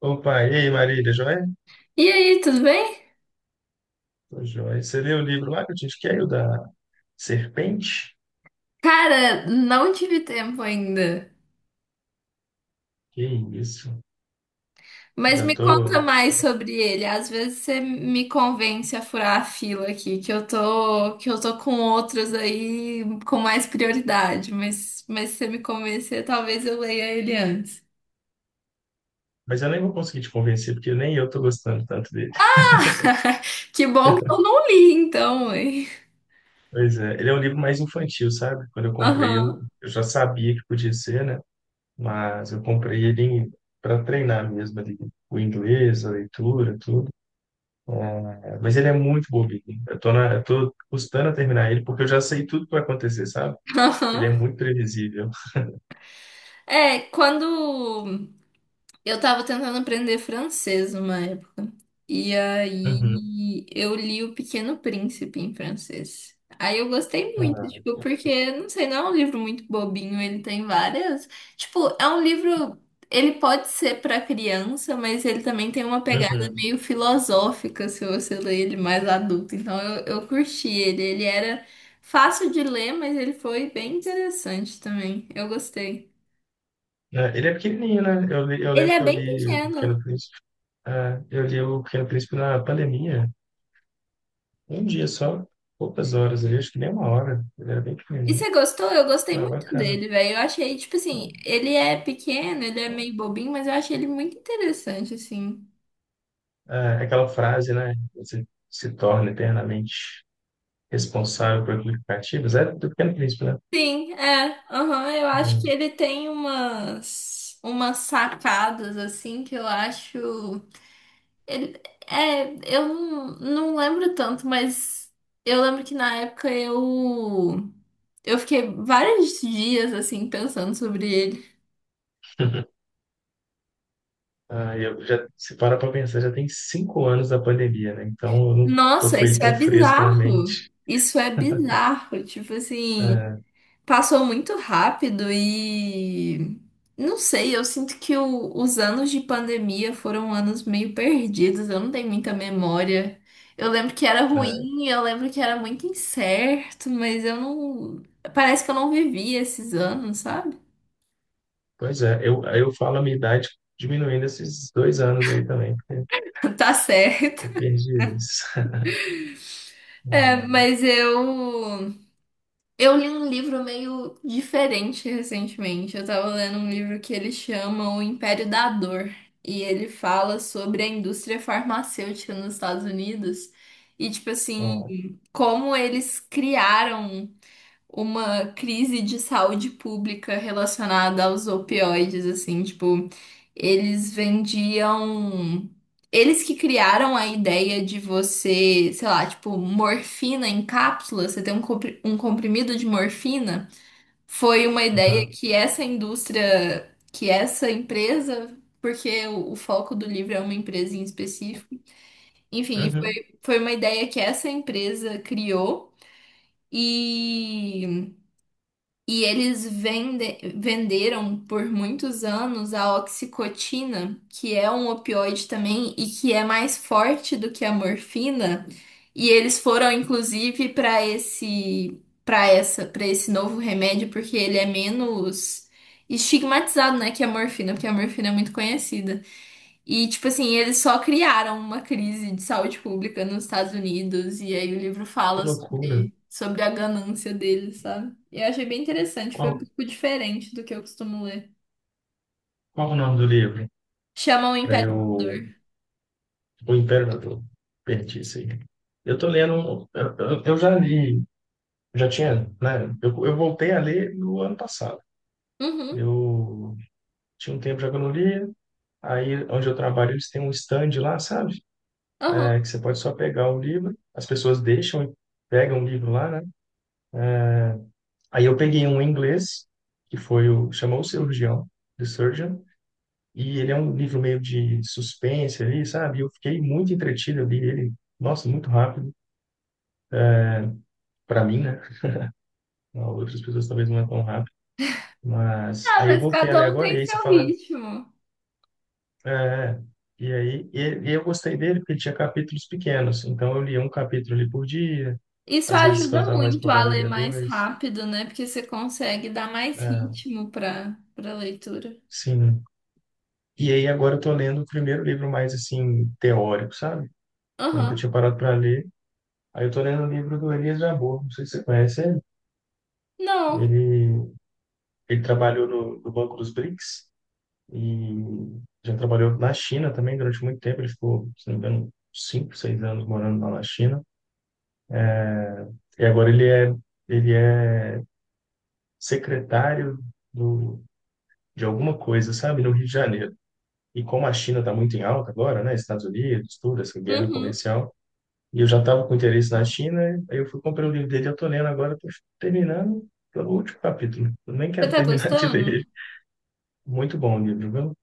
Opa, e aí, Marília, tá joia? E aí, tudo bem? Tô joia. Você leu o livro lá que eu te indiquei, o da Serpente? Cara, não tive tempo ainda. Que isso, Mas já me conta tô... já mais tô- sobre ele. Às vezes você me convence a furar a fila aqui, que eu tô com outros aí com mais prioridade, mas se você me convencer, talvez eu leia ele antes. Mas eu nem vou conseguir te convencer, porque nem eu tô gostando tanto dele. Que bom que eu não li, então, hein? Pois é, ele é um livro mais infantil, sabe? Quando eu comprei, Aham, eu já sabia que podia ser, né? Mas eu comprei ele para treinar mesmo ali, o inglês, a leitura, tudo. É, mas ele é muito bobinho. Eu tô custando a terminar ele, porque eu já sei tudo que vai acontecer, sabe? Ele é aham. muito previsível. É, quando. Eu tava tentando aprender francês uma época. E aí eu li O Pequeno Príncipe em francês. Aí eu gostei muito, Ah, tipo, porque, não sei, não é um livro muito bobinho, ele tem várias. Tipo, é um livro. Ele pode ser pra criança, mas ele também tem uma pegada uhum. meio filosófica se você ler ele mais adulto. Então eu curti ele. Ele era fácil de ler, mas ele foi bem interessante também. Eu gostei. É, ele é pequenininho, né? Eu Ele lembro é que eu bem li o pequeno. Pequeno Príncipe. É, eu li o Pequeno Príncipe na pandemia. Um dia só, poucas horas ali, acho que nem uma hora. Ele era bem E pequenininho. você gostou? Eu gostei Ah, muito bacana. dele, velho. Eu achei, tipo assim, ele é pequeno, ele é meio bobinho, mas eu achei ele muito interessante, assim. É, é aquela frase, né? Você se torna eternamente responsável por aplicativos. É do Pequeno Príncipe, né? Sim, é. Aham, eu acho que Hum. ele tem umas, umas sacadas, assim, que eu acho. Ele, é, eu não lembro tanto, mas eu lembro que na época eu. Eu fiquei vários dias, assim, pensando sobre ele. Ah, eu já, se para pra pensar, já tem 5 anos da pandemia, né? Então eu não tô Nossa, com ele isso tão é fresco na bizarro. mente. Isso é bizarro. Tipo assim. É, Passou muito rápido e não sei, eu sinto que os anos de pandemia foram anos meio perdidos, eu não tenho muita memória. Eu lembro que era é. ruim, eu lembro que era muito incerto, mas eu não. Parece que eu não vivi esses anos, sabe? Pois é, aí eu falo a minha idade diminuindo esses 2 anos aí também, porque Tá eu certo. perdi eles. É, Hum, mas eu. Eu li um livro meio diferente recentemente. Eu tava lendo um livro que ele chama O Império da Dor. E ele fala sobre a indústria farmacêutica nos Estados Unidos. E, tipo assim, ó, como eles criaram uma crise de saúde pública relacionada aos opioides, assim, tipo, eles vendiam. Eles que criaram a ideia de você, sei lá, tipo, morfina em cápsula, você tem um um comprimido de morfina, foi uma ideia aham. que essa indústria, que essa empresa, porque o foco do livro é uma empresa em específico, enfim, foi, Uhum, foi uma ideia que essa empresa criou e. E eles venderam por muitos anos a oxicotina, que é um opioide também e que é mais forte do que a morfina. E eles foram inclusive para esse novo remédio porque ele é menos estigmatizado, né, que a morfina, porque a morfina é muito conhecida. E, tipo assim, eles só criaram uma crise de saúde pública nos Estados Unidos, e aí o livro que fala loucura. sobre a ganância deles, sabe? E eu achei bem interessante, foi um Qual, pouco diferente do que eu costumo ler. qual o nome do livro? Chama o Para Império eu. Amador. O Imperador. Perdi isso aí. Eu tô lendo. Eu já li, já tinha, né? Eu voltei a ler no ano passado. Uhum, Eu tinha um tempo já que eu não lia. Aí, onde eu trabalho, eles têm um stand lá, sabe? uhum. É, que você pode só pegar o livro, as pessoas deixam e pegam o livro lá, né? Aí eu peguei um em inglês, que foi o... Chamou o Cirurgião, The Surgeon, e ele é um livro meio de suspense ali, sabe? E eu fiquei muito entretido ali, ele... Nossa, muito rápido, para mim, né? Outras pessoas talvez não é tão rápido. Mas Ah, aí eu mas voltei ali cada um agora, e tem aí você seu fala... ritmo. É, e aí e, e eu gostei dele porque ele tinha capítulos pequenos, então eu lia um capítulo ali por dia, Isso às vezes quando eu ajuda estava mais muito a empolgado eu ler lia mais dois, rápido, né? Porque você consegue dar mais é, ritmo pra leitura. sim, né? E aí agora eu tô lendo o primeiro livro mais assim teórico, sabe? Eu nunca Aham. tinha parado para ler. Aí eu tô lendo o livro do Elias Jabbour, não sei se você conhece ele. Não. Ele, ele trabalhou no Banco dos BRICS e já trabalhou na China também durante muito tempo. Ele ficou, se não me engano, 5, 6 anos morando lá na China. E agora ele é secretário do, de alguma coisa, sabe, no Rio de Janeiro. E como a China está muito em alta agora, né, Estados Unidos, tudo, essa guerra Uhum. comercial, e eu já estava com interesse na China, aí eu fui comprei o livro dele, eu tô lendo agora, tô terminando pelo último capítulo. Eu nem Você quero tá terminar de ler ele. gostando? Muito bom o livro, viu?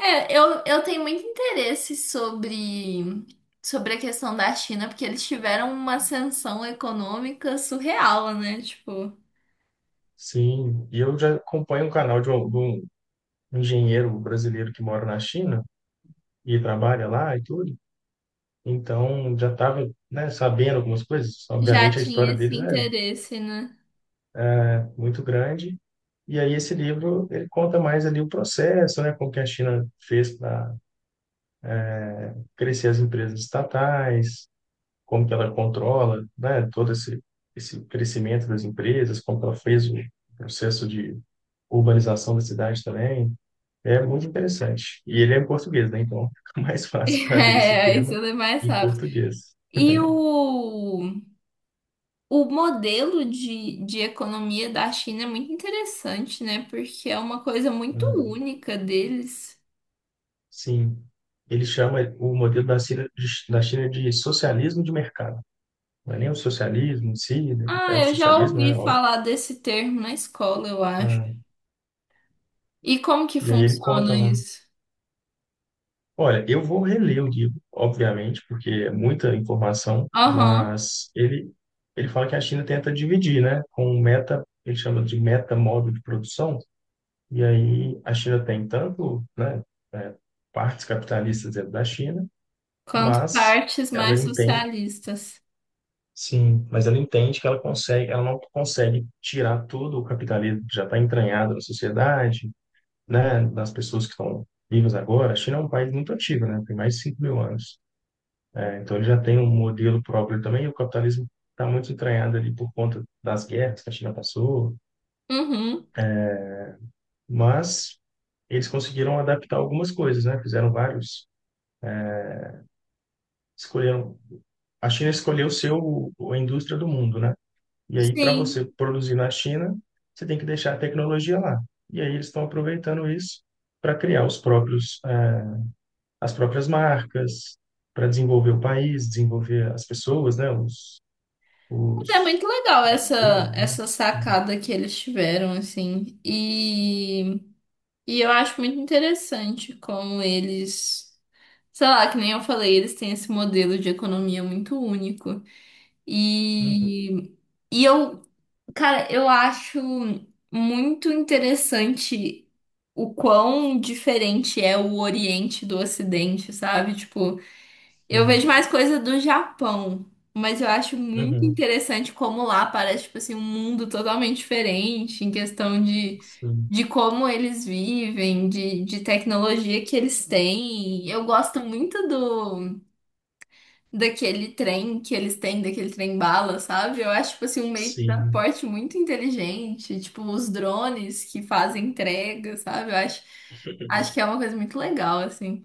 É, eu tenho muito interesse sobre a questão da China, porque eles tiveram uma ascensão econômica surreal, né? Tipo, Sim, e eu já acompanho um canal de um engenheiro brasileiro que mora na China e trabalha lá e tudo. Então, já estava, né, sabendo algumas coisas. já Obviamente, a tinha história esse deles é interesse, né? muito grande. E aí, esse livro, ele conta mais ali o processo, né, como que a China fez para crescer as empresas estatais, como que ela controla, né, todo esse crescimento das empresas, como que ela fez o processo de urbanização da cidade também. É muito interessante. E ele é em português, né? Então fica mais fácil para ler esse É, isso tema é mais em rápido. português. E o modelo de economia da China é muito interessante, né? Porque é uma coisa muito Ah, única deles. sim, ele chama o modelo da China de socialismo de mercado. Não é nem o socialismo em si, né? Ah, É o eu já socialismo, ouvi né? Óbvio. falar desse termo na escola, eu acho. Ah, E como que e aí ele conta, funciona né? isso? Olha, eu vou reler o livro, obviamente, porque é muita informação, Aham. mas ele fala que a China tenta dividir, né, com um meta, ele chama de meta modo de produção, e aí a China tem tanto, né, é, partes capitalistas dentro da China, Quanto mas partes ela mais entende, socialistas. sim, mas ela entende que ela consegue, ela não consegue tirar todo o capitalismo que já está entranhado na sociedade, né, das pessoas que estão vivas agora. A China é um país muito antigo, né, tem mais de 5.000 anos. Então ele já tem um modelo próprio também, e o capitalismo está muito entranhado ali por conta das guerras que a China passou, Uhum. mas eles conseguiram adaptar algumas coisas, né? Escolheram, a China escolheu seu a indústria do mundo, né? E aí para Sim. você produzir na China, você tem que deixar a tecnologia lá. E aí eles estão aproveitando isso para criar os próprios as próprias marcas, para desenvolver o país, desenvolver as pessoas, né? Mas é Os muito legal essa essa né? sacada que eles tiveram, assim. E eu acho muito interessante como eles, sei lá, que nem eu falei, eles têm esse modelo de economia muito único. Uhum, E, e eu, cara, eu acho muito interessante o quão diferente é o Oriente do Ocidente, sabe? Tipo, eu vejo sim. mais coisa do Japão, mas eu acho muito Uhum, interessante como lá parece, tipo assim, um mundo totalmente diferente em questão de, sim. de como eles vivem, de tecnologia que eles têm. Eu gosto muito do daquele trem que eles têm, daquele trem bala, sabe? Eu acho, tipo assim, um meio de Sim. transporte muito inteligente, tipo os drones que fazem entrega, sabe? Eu acho, acho que é uma coisa muito legal, assim.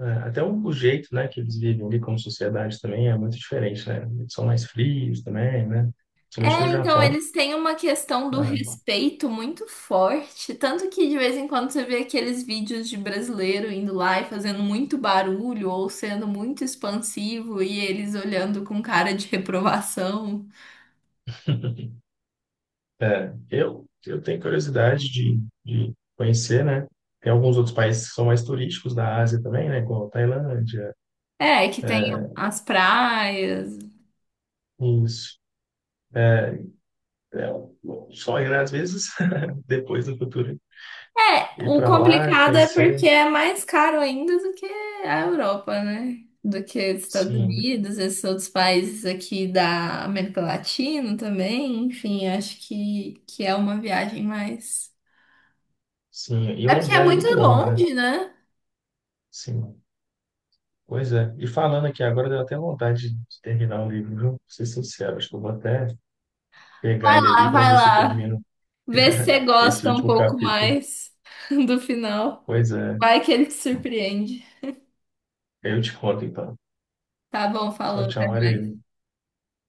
É, até o jeito, né, que eles vivem ali como sociedade também é muito diferente, né? Eles são mais frios também, né? Principalmente É, no então Japão, eles têm uma questão do né? respeito muito forte, tanto que de vez em quando você vê aqueles vídeos de brasileiro indo lá e fazendo muito barulho ou sendo muito expansivo e eles olhando com cara de reprovação. É, eu tenho curiosidade de conhecer, né? Tem alguns outros países que são mais turísticos da Ásia também, né? Como a Tailândia. É, que tem É, as praias. isso. É um sonho, né? Às vezes, depois no futuro, É, ir o para lá, complicado é conhecer. porque é mais caro ainda do que a Europa, né? Do que os Estados Sim. Unidos, esses outros países aqui da América Latina também. Enfim, acho que é uma viagem mais. Sim, e é É uma porque é viagem muito muito longa, né? longe, né? Sim, pois é. E falando aqui agora, deu até vontade de terminar o livro, viu? Pra ser sincero, acho que eu vou até pegar ele Ah, ali para vai ver se eu lá. termino Vê se você esse gosta um último pouco capítulo. mais do final. Pois é, Vai que ele te surpreende. eu te conto então. Tá bom, Tchau, falou. Até tchau, mais. Maria.